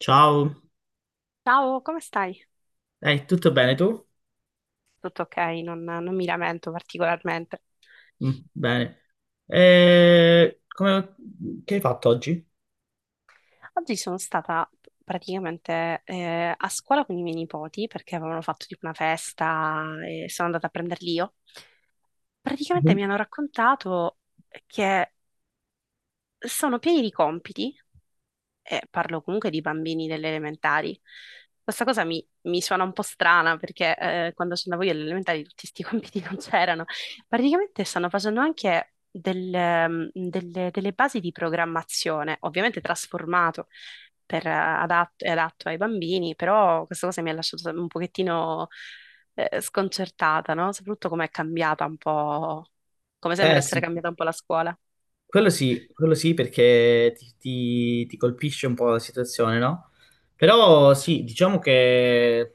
Ciao, Ciao, come stai? Tutto bene tu? Tutto ok, non mi lamento particolarmente. Mm, bene. Eh, come- che hai fatto oggi? Oggi sono stata praticamente a scuola con i miei nipoti perché avevano fatto tipo una festa e sono andata a prenderli io. Praticamente mi Mhm. hanno raccontato che sono pieni di compiti e parlo comunque di bambini delle elementari. Questa cosa mi suona un po' strana perché quando sono andavo io alle elementari tutti questi compiti non c'erano. Praticamente stanno facendo anche delle basi di programmazione, ovviamente trasformato è adatto ai bambini, però questa cosa mi ha lasciato un pochettino sconcertata, no? Soprattutto come sembra Eh essere sì, cambiata un po' la scuola. quello sì, quello sì perché ti colpisce un po' la situazione, no? Però sì, diciamo che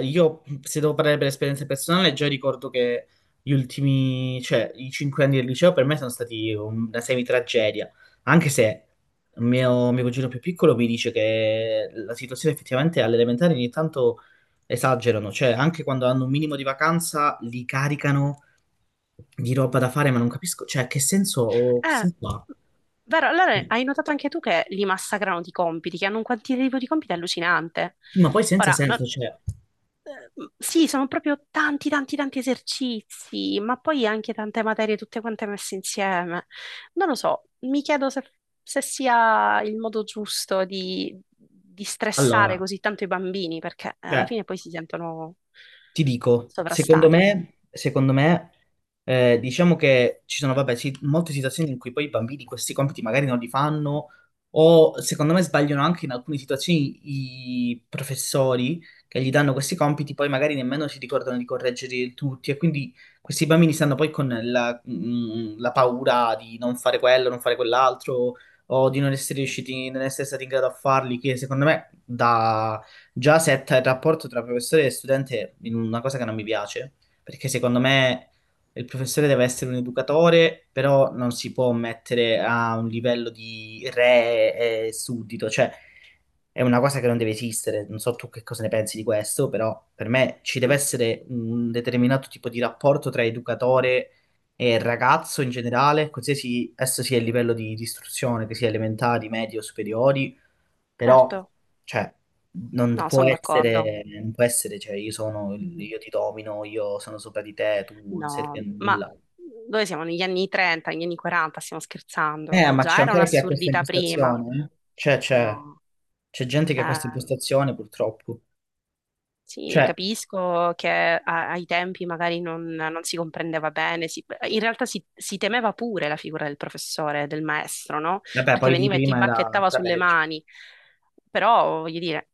io, se devo parlare per esperienza personale, già ricordo che gli ultimi, cioè i 5 anni del liceo per me sono stati una semi-tragedia, anche se mio cugino più piccolo mi dice che la situazione effettivamente alle elementari ogni tanto esagerano, cioè anche quando hanno un minimo di vacanza li caricano di roba da fare, ma non capisco, cioè che Eh, senso ha? vero, allora hai notato anche tu che li massacrano di compiti, che hanno un quantitativo di compiti allucinante. Sì, ma poi senza Ora, senso, cioè, eh, sì, sono proprio tanti, tanti, tanti esercizi, ma poi anche tante materie, tutte quante messe insieme. Non lo so, mi chiedo se sia il modo giusto di stressare allora, così tanto i bambini, perché alla cioè, fine poi si sentono ti dico, secondo sovrastati. me, secondo me, diciamo che ci sono, vabbè, sì, molte situazioni in cui poi i bambini questi compiti magari non li fanno, o secondo me sbagliano anche in alcune situazioni i professori che gli danno questi compiti, poi magari nemmeno si ricordano di correggerli tutti, e quindi questi bambini stanno poi con la paura di non fare quello, non fare quell'altro, o di non essere riusciti, non essere stati in grado a farli, che secondo me già setta il rapporto tra professore e studente in una cosa che non mi piace, perché secondo me il professore deve essere un educatore, però non si può mettere a un livello di re e suddito, cioè è una cosa che non deve esistere. Non so tu che cosa ne pensi di questo, però per me ci deve Sì. essere un determinato tipo di rapporto tra educatore e ragazzo in generale, qualsiasi esso sia il livello di istruzione, che sia elementari, medie o superiori. Certo, Però, cioè, non no, può sono d'accordo. essere, non può essere, cioè, io ti domino, io sono sopra di te, tu non servi a No, ma nulla. noi siamo negli anni 30, negli anni 40, stiamo scherzando. Ma c'è Già era ancora chi ha questa un'assurdità prima. impostazione? Eh? Cioè, c'è No, c'è gente che ha eh, questa impostazione, purtroppo. sì, Cioè, capisco che ai tempi magari non si comprendeva bene. In realtà si temeva pure la figura del professore, del maestro, no? vabbè, Perché poi lì veniva e ti prima era bacchettava da sulle peggio. mani. Però, voglio dire,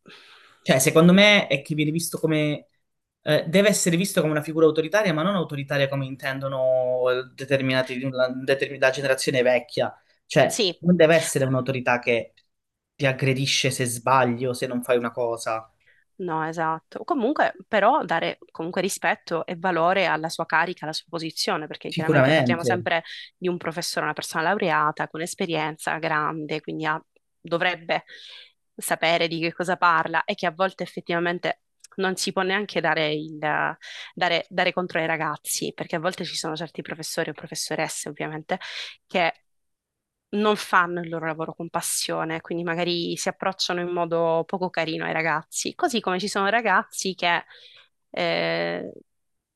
Cioè, secondo me è che viene visto come, deve essere visto come una figura autoritaria, ma non autoritaria come intendono determinati, la generazione vecchia. Cioè, sì. non deve essere un'autorità che ti aggredisce se sbagli o se non fai una cosa. No, esatto. Comunque, però, dare comunque rispetto e valore alla sua carica, alla sua posizione, perché chiaramente parliamo Sicuramente. sempre di un professore, una persona laureata con esperienza grande, quindi dovrebbe sapere di che cosa parla e che a volte effettivamente non si può neanche dare contro ai ragazzi, perché a volte ci sono certi professori o professoresse, ovviamente, che non fanno il loro lavoro con passione, quindi magari si approcciano in modo poco carino ai ragazzi, così come ci sono ragazzi che eh,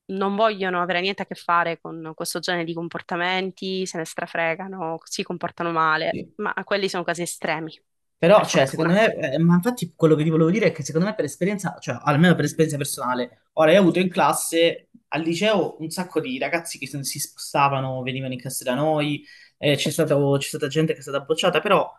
non vogliono avere niente a che fare con questo genere di comportamenti, se ne strafregano, si comportano male, ma quelli sono casi estremi, Però, per cioè, secondo fortuna. me, ma infatti quello che ti volevo dire è che secondo me per esperienza, cioè almeno per esperienza personale, ora io ho avuto in classe, al liceo, un sacco di ragazzi che si spostavano, venivano in classe da noi, c'è stata gente che è stata bocciata, però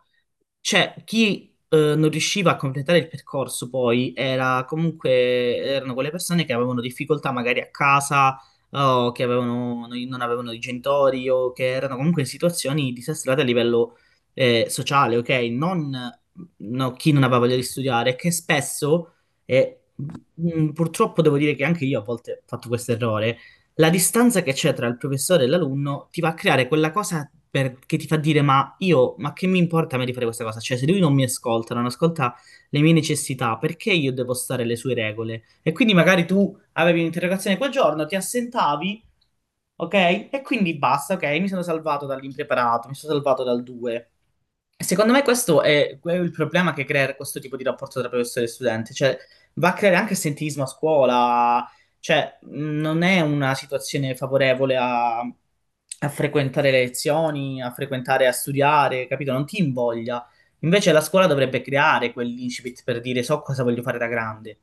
cioè, chi non riusciva a completare il percorso poi era comunque erano quelle persone che avevano difficoltà magari a casa o che avevano, no, non avevano i genitori o che erano comunque in situazioni disastrate a livello sociale, ok? Non No, chi non aveva voglia di studiare, che spesso, e purtroppo devo dire che anche io a volte ho fatto questo errore, la distanza che c'è tra il professore e l'alunno ti va a creare quella cosa che ti fa dire: ma io, ma che mi importa a me di fare questa cosa? Cioè, se lui non mi ascolta, non ascolta le mie necessità, perché io devo stare alle sue regole? E quindi magari tu avevi un'interrogazione quel giorno, ti assentavi, ok? E quindi basta, ok? Mi sono salvato dall'impreparato, mi sono salvato dal 2. Secondo me questo è, quello il problema che crea questo tipo di rapporto tra professore e studente, cioè va a creare anche assentismo a scuola, cioè non è una situazione favorevole a frequentare le lezioni, a frequentare, a studiare, capito? Non ti invoglia. Invece la scuola dovrebbe creare quell'incipit per dire so cosa voglio fare da grande.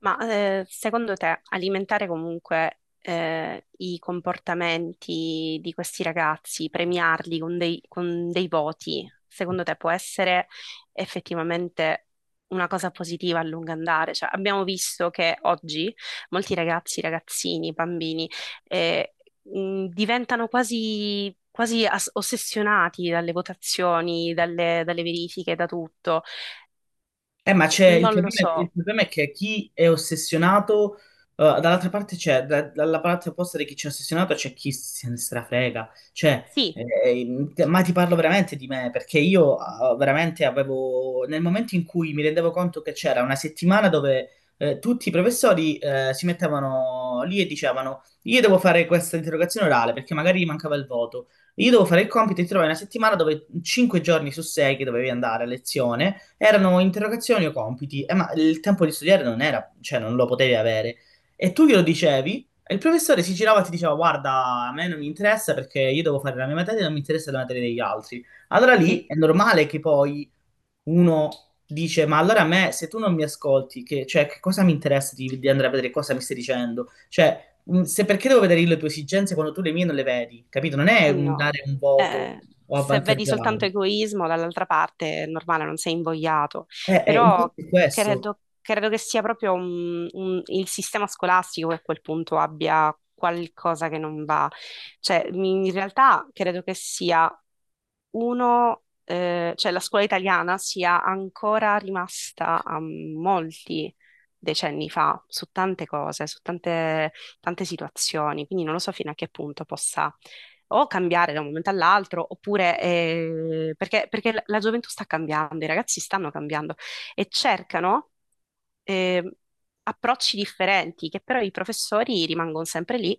Ma secondo te alimentare comunque i comportamenti di questi ragazzi, premiarli con dei voti, secondo te può essere effettivamente una cosa positiva a lungo andare? Cioè, abbiamo visto che oggi molti ragazzi, ragazzini, bambini eh, diventano quasi, quasi ossessionati dalle votazioni, dalle verifiche, da tutto. Ma c'è Non lo il so. problema è che chi è ossessionato, dall'altra parte c'è, dalla parte opposta di chi c'è ossessionato c'è chi se ne strafrega, cioè, Sì, ma ti parlo veramente di me, perché io veramente avevo, nel momento in cui mi rendevo conto che c'era una settimana dove tutti i professori si mettevano lì e dicevano, io devo fare questa interrogazione orale perché magari mancava il voto, io devo fare il compito e ti trovai una settimana dove 5 giorni su 6 che dovevi andare a lezione erano interrogazioni o compiti. Ma il tempo di studiare non era, cioè non lo potevi avere. E tu glielo dicevi e il professore si girava e ti diceva: guarda, a me non mi interessa perché io devo fare la mia materia e non mi interessa la materia degli altri. Allora lì sì. è normale che poi uno dice: ma allora a me, se tu non mi ascolti, che, cioè, che cosa mi interessa di andare a vedere cosa mi stai dicendo? Cioè, se perché devo vedere io le tue esigenze quando tu le mie non le vedi, capito? Non è Eh un no, dare un voto eh, o se vedi soltanto avvantaggiare. egoismo dall'altra parte è normale, non sei invogliato, però Infatti è questo. credo che sia proprio il sistema scolastico che a quel punto abbia qualcosa che non va. Cioè, in realtà credo che sia cioè la scuola italiana sia ancora rimasta a molti decenni fa su tante cose, su tante tante situazioni, quindi non lo so fino a che punto possa o cambiare da un momento all'altro, oppure perché la gioventù sta cambiando, i ragazzi stanno cambiando e cercano eh, approcci differenti, che però i professori rimangono sempre lì,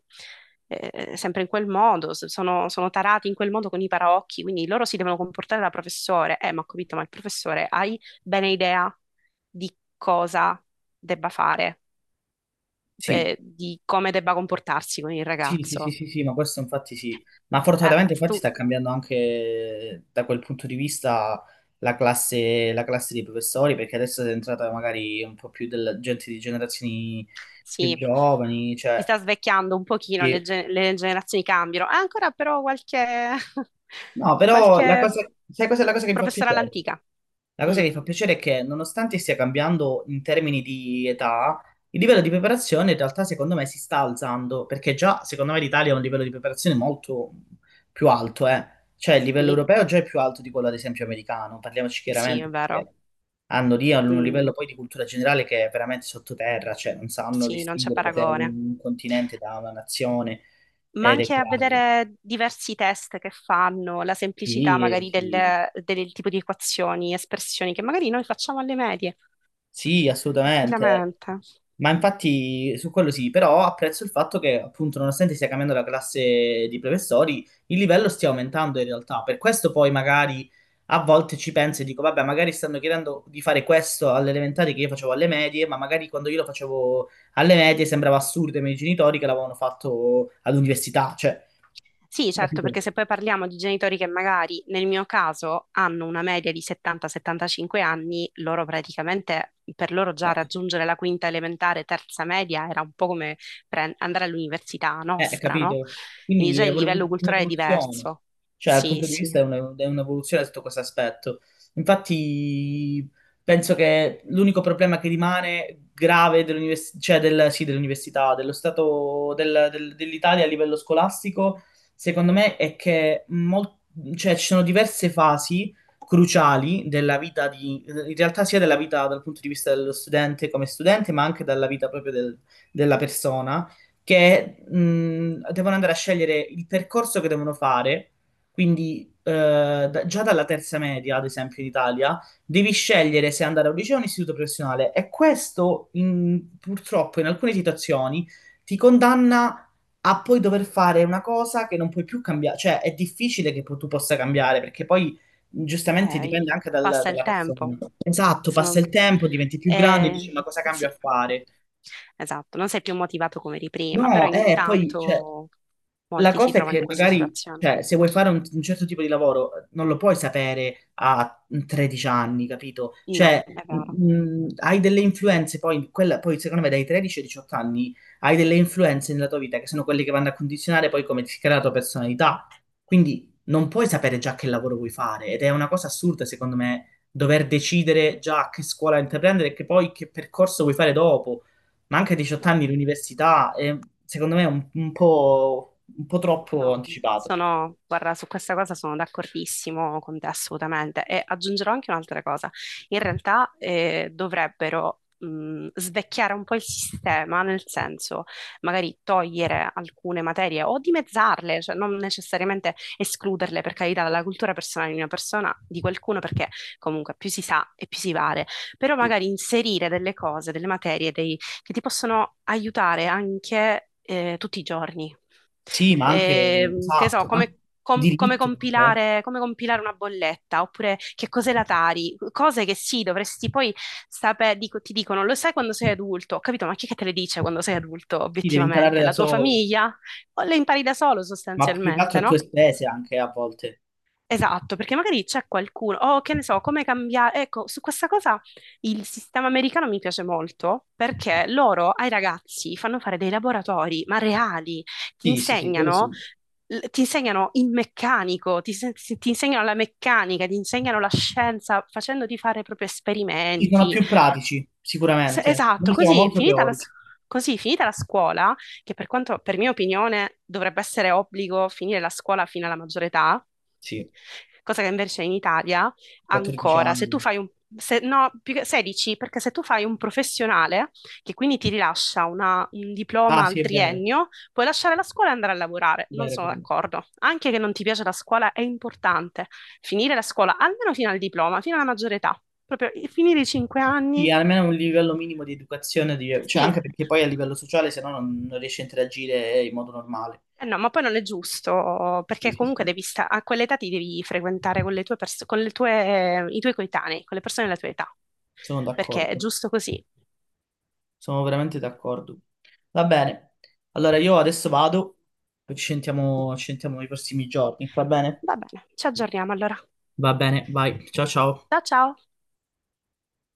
sempre in quel modo, sono tarati in quel modo con i paraocchi, quindi loro si devono comportare da professore. Ma ho capito, ma il professore hai bene idea di cosa debba fare, Sì, di come debba comportarsi con il sì, sì, sì, ragazzo? sì, sì, ma questo infatti sì. Ma Eh, fortunatamente tu infatti sta cambiando anche da quel punto di vista la classe dei professori, perché adesso è entrata magari un po' più della gente di generazioni più Sì, giovani, si cioè, sta svecchiando un pochino, le, sì. ge- le generazioni cambiano. Ha ancora però qualche, No, però la qualche cosa, sai cos'è la cosa che mi fa professore piacere? all'antica. La cosa Mm, che mi fa piacere è che, nonostante stia cambiando in termini di età, il livello di preparazione in realtà secondo me si sta alzando, perché già secondo me l'Italia ha un livello di preparazione molto più alto, eh. Cioè il livello sì, europeo già è più alto di quello ad esempio americano, parliamoci sì, è chiaramente vero. perché hanno lì un Mm, livello poi di cultura generale che è veramente sottoterra, cioè non sanno sì, non c'è distinguere se è paragone. un continente da una nazione Ma ed è anche a grave. vedere diversi test che fanno, la semplicità Sì, magari del, sì. del tipo di equazioni, espressioni che magari noi facciamo alle medie, Sì, assolutamente. tranquillamente. Ma infatti su quello sì, però apprezzo il fatto che appunto nonostante stia cambiando la classe di professori, il livello stia aumentando in realtà. Per questo poi magari a volte ci penso e dico, vabbè, magari stanno chiedendo di fare questo alle elementari che io facevo alle medie, ma magari quando io lo facevo alle medie sembrava assurdo ai miei genitori che l'avevano fatto all'università, cioè, Sì, certo, perché capito? se poi parliamo di genitori che magari nel mio caso hanno una media di 70-75 anni, loro praticamente, per loro Eh. già raggiungere la quinta elementare, terza media era un po' come andare all'università nostra, no? Capito? Quindi Quindi già è il pure livello culturale è un'evoluzione, diverso. cioè dal Sì, punto di sì, vista è un'evoluzione sotto questo aspetto. Infatti penso che l'unico problema che rimane grave cioè sì, dell'università, dello stato dell'Italia a livello scolastico, secondo me è che cioè, ci sono diverse fasi cruciali della vita di, in realtà sia della vita dal punto di vista dello studente come studente, ma anche dalla vita proprio della persona che devono andare a scegliere il percorso che devono fare. Quindi, già dalla terza media, ad esempio, in Italia, devi scegliere se andare a un liceo o un istituto professionale. E questo, purtroppo, in alcune situazioni ti condanna a poi dover fare una cosa che non puoi più cambiare. Cioè, è difficile che tu possa cambiare, perché poi. Giustamente dipende eh, anche passa il dalla persona. tempo. Esatto, passa Sono- il tempo, diventi più grande, dici eh, ma cosa cambio a sì, fare? esatto, non sei più motivato come di prima, però No, poi, cioè, intanto la molti si cosa è trovano in che questa magari, situazione. cioè, se vuoi fare un certo tipo di lavoro, non lo puoi sapere a 13 anni, capito? No, Cioè, è vero. Hai delle influenze, poi, poi secondo me dai 13 ai 18 anni hai delle influenze nella tua vita che sono quelle che vanno a condizionare poi come ti crea la tua personalità. Quindi non puoi sapere già che lavoro vuoi fare ed è una cosa assurda, secondo me, dover decidere già che scuola intraprendere e che poi che percorso vuoi fare dopo. Ma anche a 18 No, anni l'università è, secondo me, un po' troppo no, anticipato. Guarda, su questa cosa sono d'accordissimo con te assolutamente e aggiungerò anche un'altra cosa. In realtà dovrebbero svecchiare un po' il sistema, nel senso magari togliere alcune materie o dimezzarle, cioè non necessariamente escluderle per carità dalla cultura personale di una persona, di qualcuno, perché comunque più si sa e più si vale, però Sì, magari inserire delle cose, delle materie che ti possono aiutare anche tutti i giorni. sì, ma anche, Che so, esatto, anche come, com- come diritto anche, eh. compilare, come compilare una bolletta, oppure che cos'è la Tari, cose che sì, dovresti poi sapere, ti dicono, lo sai quando sei adulto, ho capito, ma chi è che te le dice quando sei adulto, Sì, devi imparare obiettivamente? da La tua solo, famiglia? O le impari da solo, ma più che altro sostanzialmente, a tue no? spese anche a volte. Esatto, perché magari c'è qualcuno, oh, che ne so, come cambiare. Ecco, su questa cosa il sistema americano mi piace molto perché loro ai ragazzi fanno fare dei laboratori, ma reali, ti Sì, sì, sì, quello insegnano, sì. ti insegnano il meccanico, ti, se- ti insegnano la meccanica, ti insegnano la scienza facendoti fare proprio Sì, sono esperimenti. più pratici, sicuramente. Esatto, Noi siamo molto teorici. Così, finita la scuola, che per quanto, per mia opinione, dovrebbe essere obbligo finire la scuola fino alla maggiore età, Sì, cosa che invece in Italia 14 ancora, se tu anni. fai un, se- no, più che 16, perché se tu fai un professionale, che quindi ti rilascia un Ah, diploma sì, al è vero, triennio, puoi lasciare la scuola e andare a lavorare. è Non vero, è sono vero. d'accordo. Anche che non ti piace la scuola è importante finire la scuola, almeno fino al diploma, fino alla maggiore età. Proprio finire i 5 Sì, anni. almeno un livello minimo di educazione, cioè Sì. anche perché poi a livello sociale, se no non riesci a interagire in modo normale. Eh no, ma poi non è giusto, Sì, perché sì, comunque sì. devi a quell'età ti devi frequentare con le tue pers- con le tue- i tuoi coetanei, con le persone della tua età, Sono perché è d'accordo, giusto così. sono veramente d'accordo. Va bene, allora io adesso vado, poi ci sentiamo nei prossimi giorni, va bene? Va bene, ci aggiorniamo allora. Va bene, vai, ciao ciao. Ciao ciao!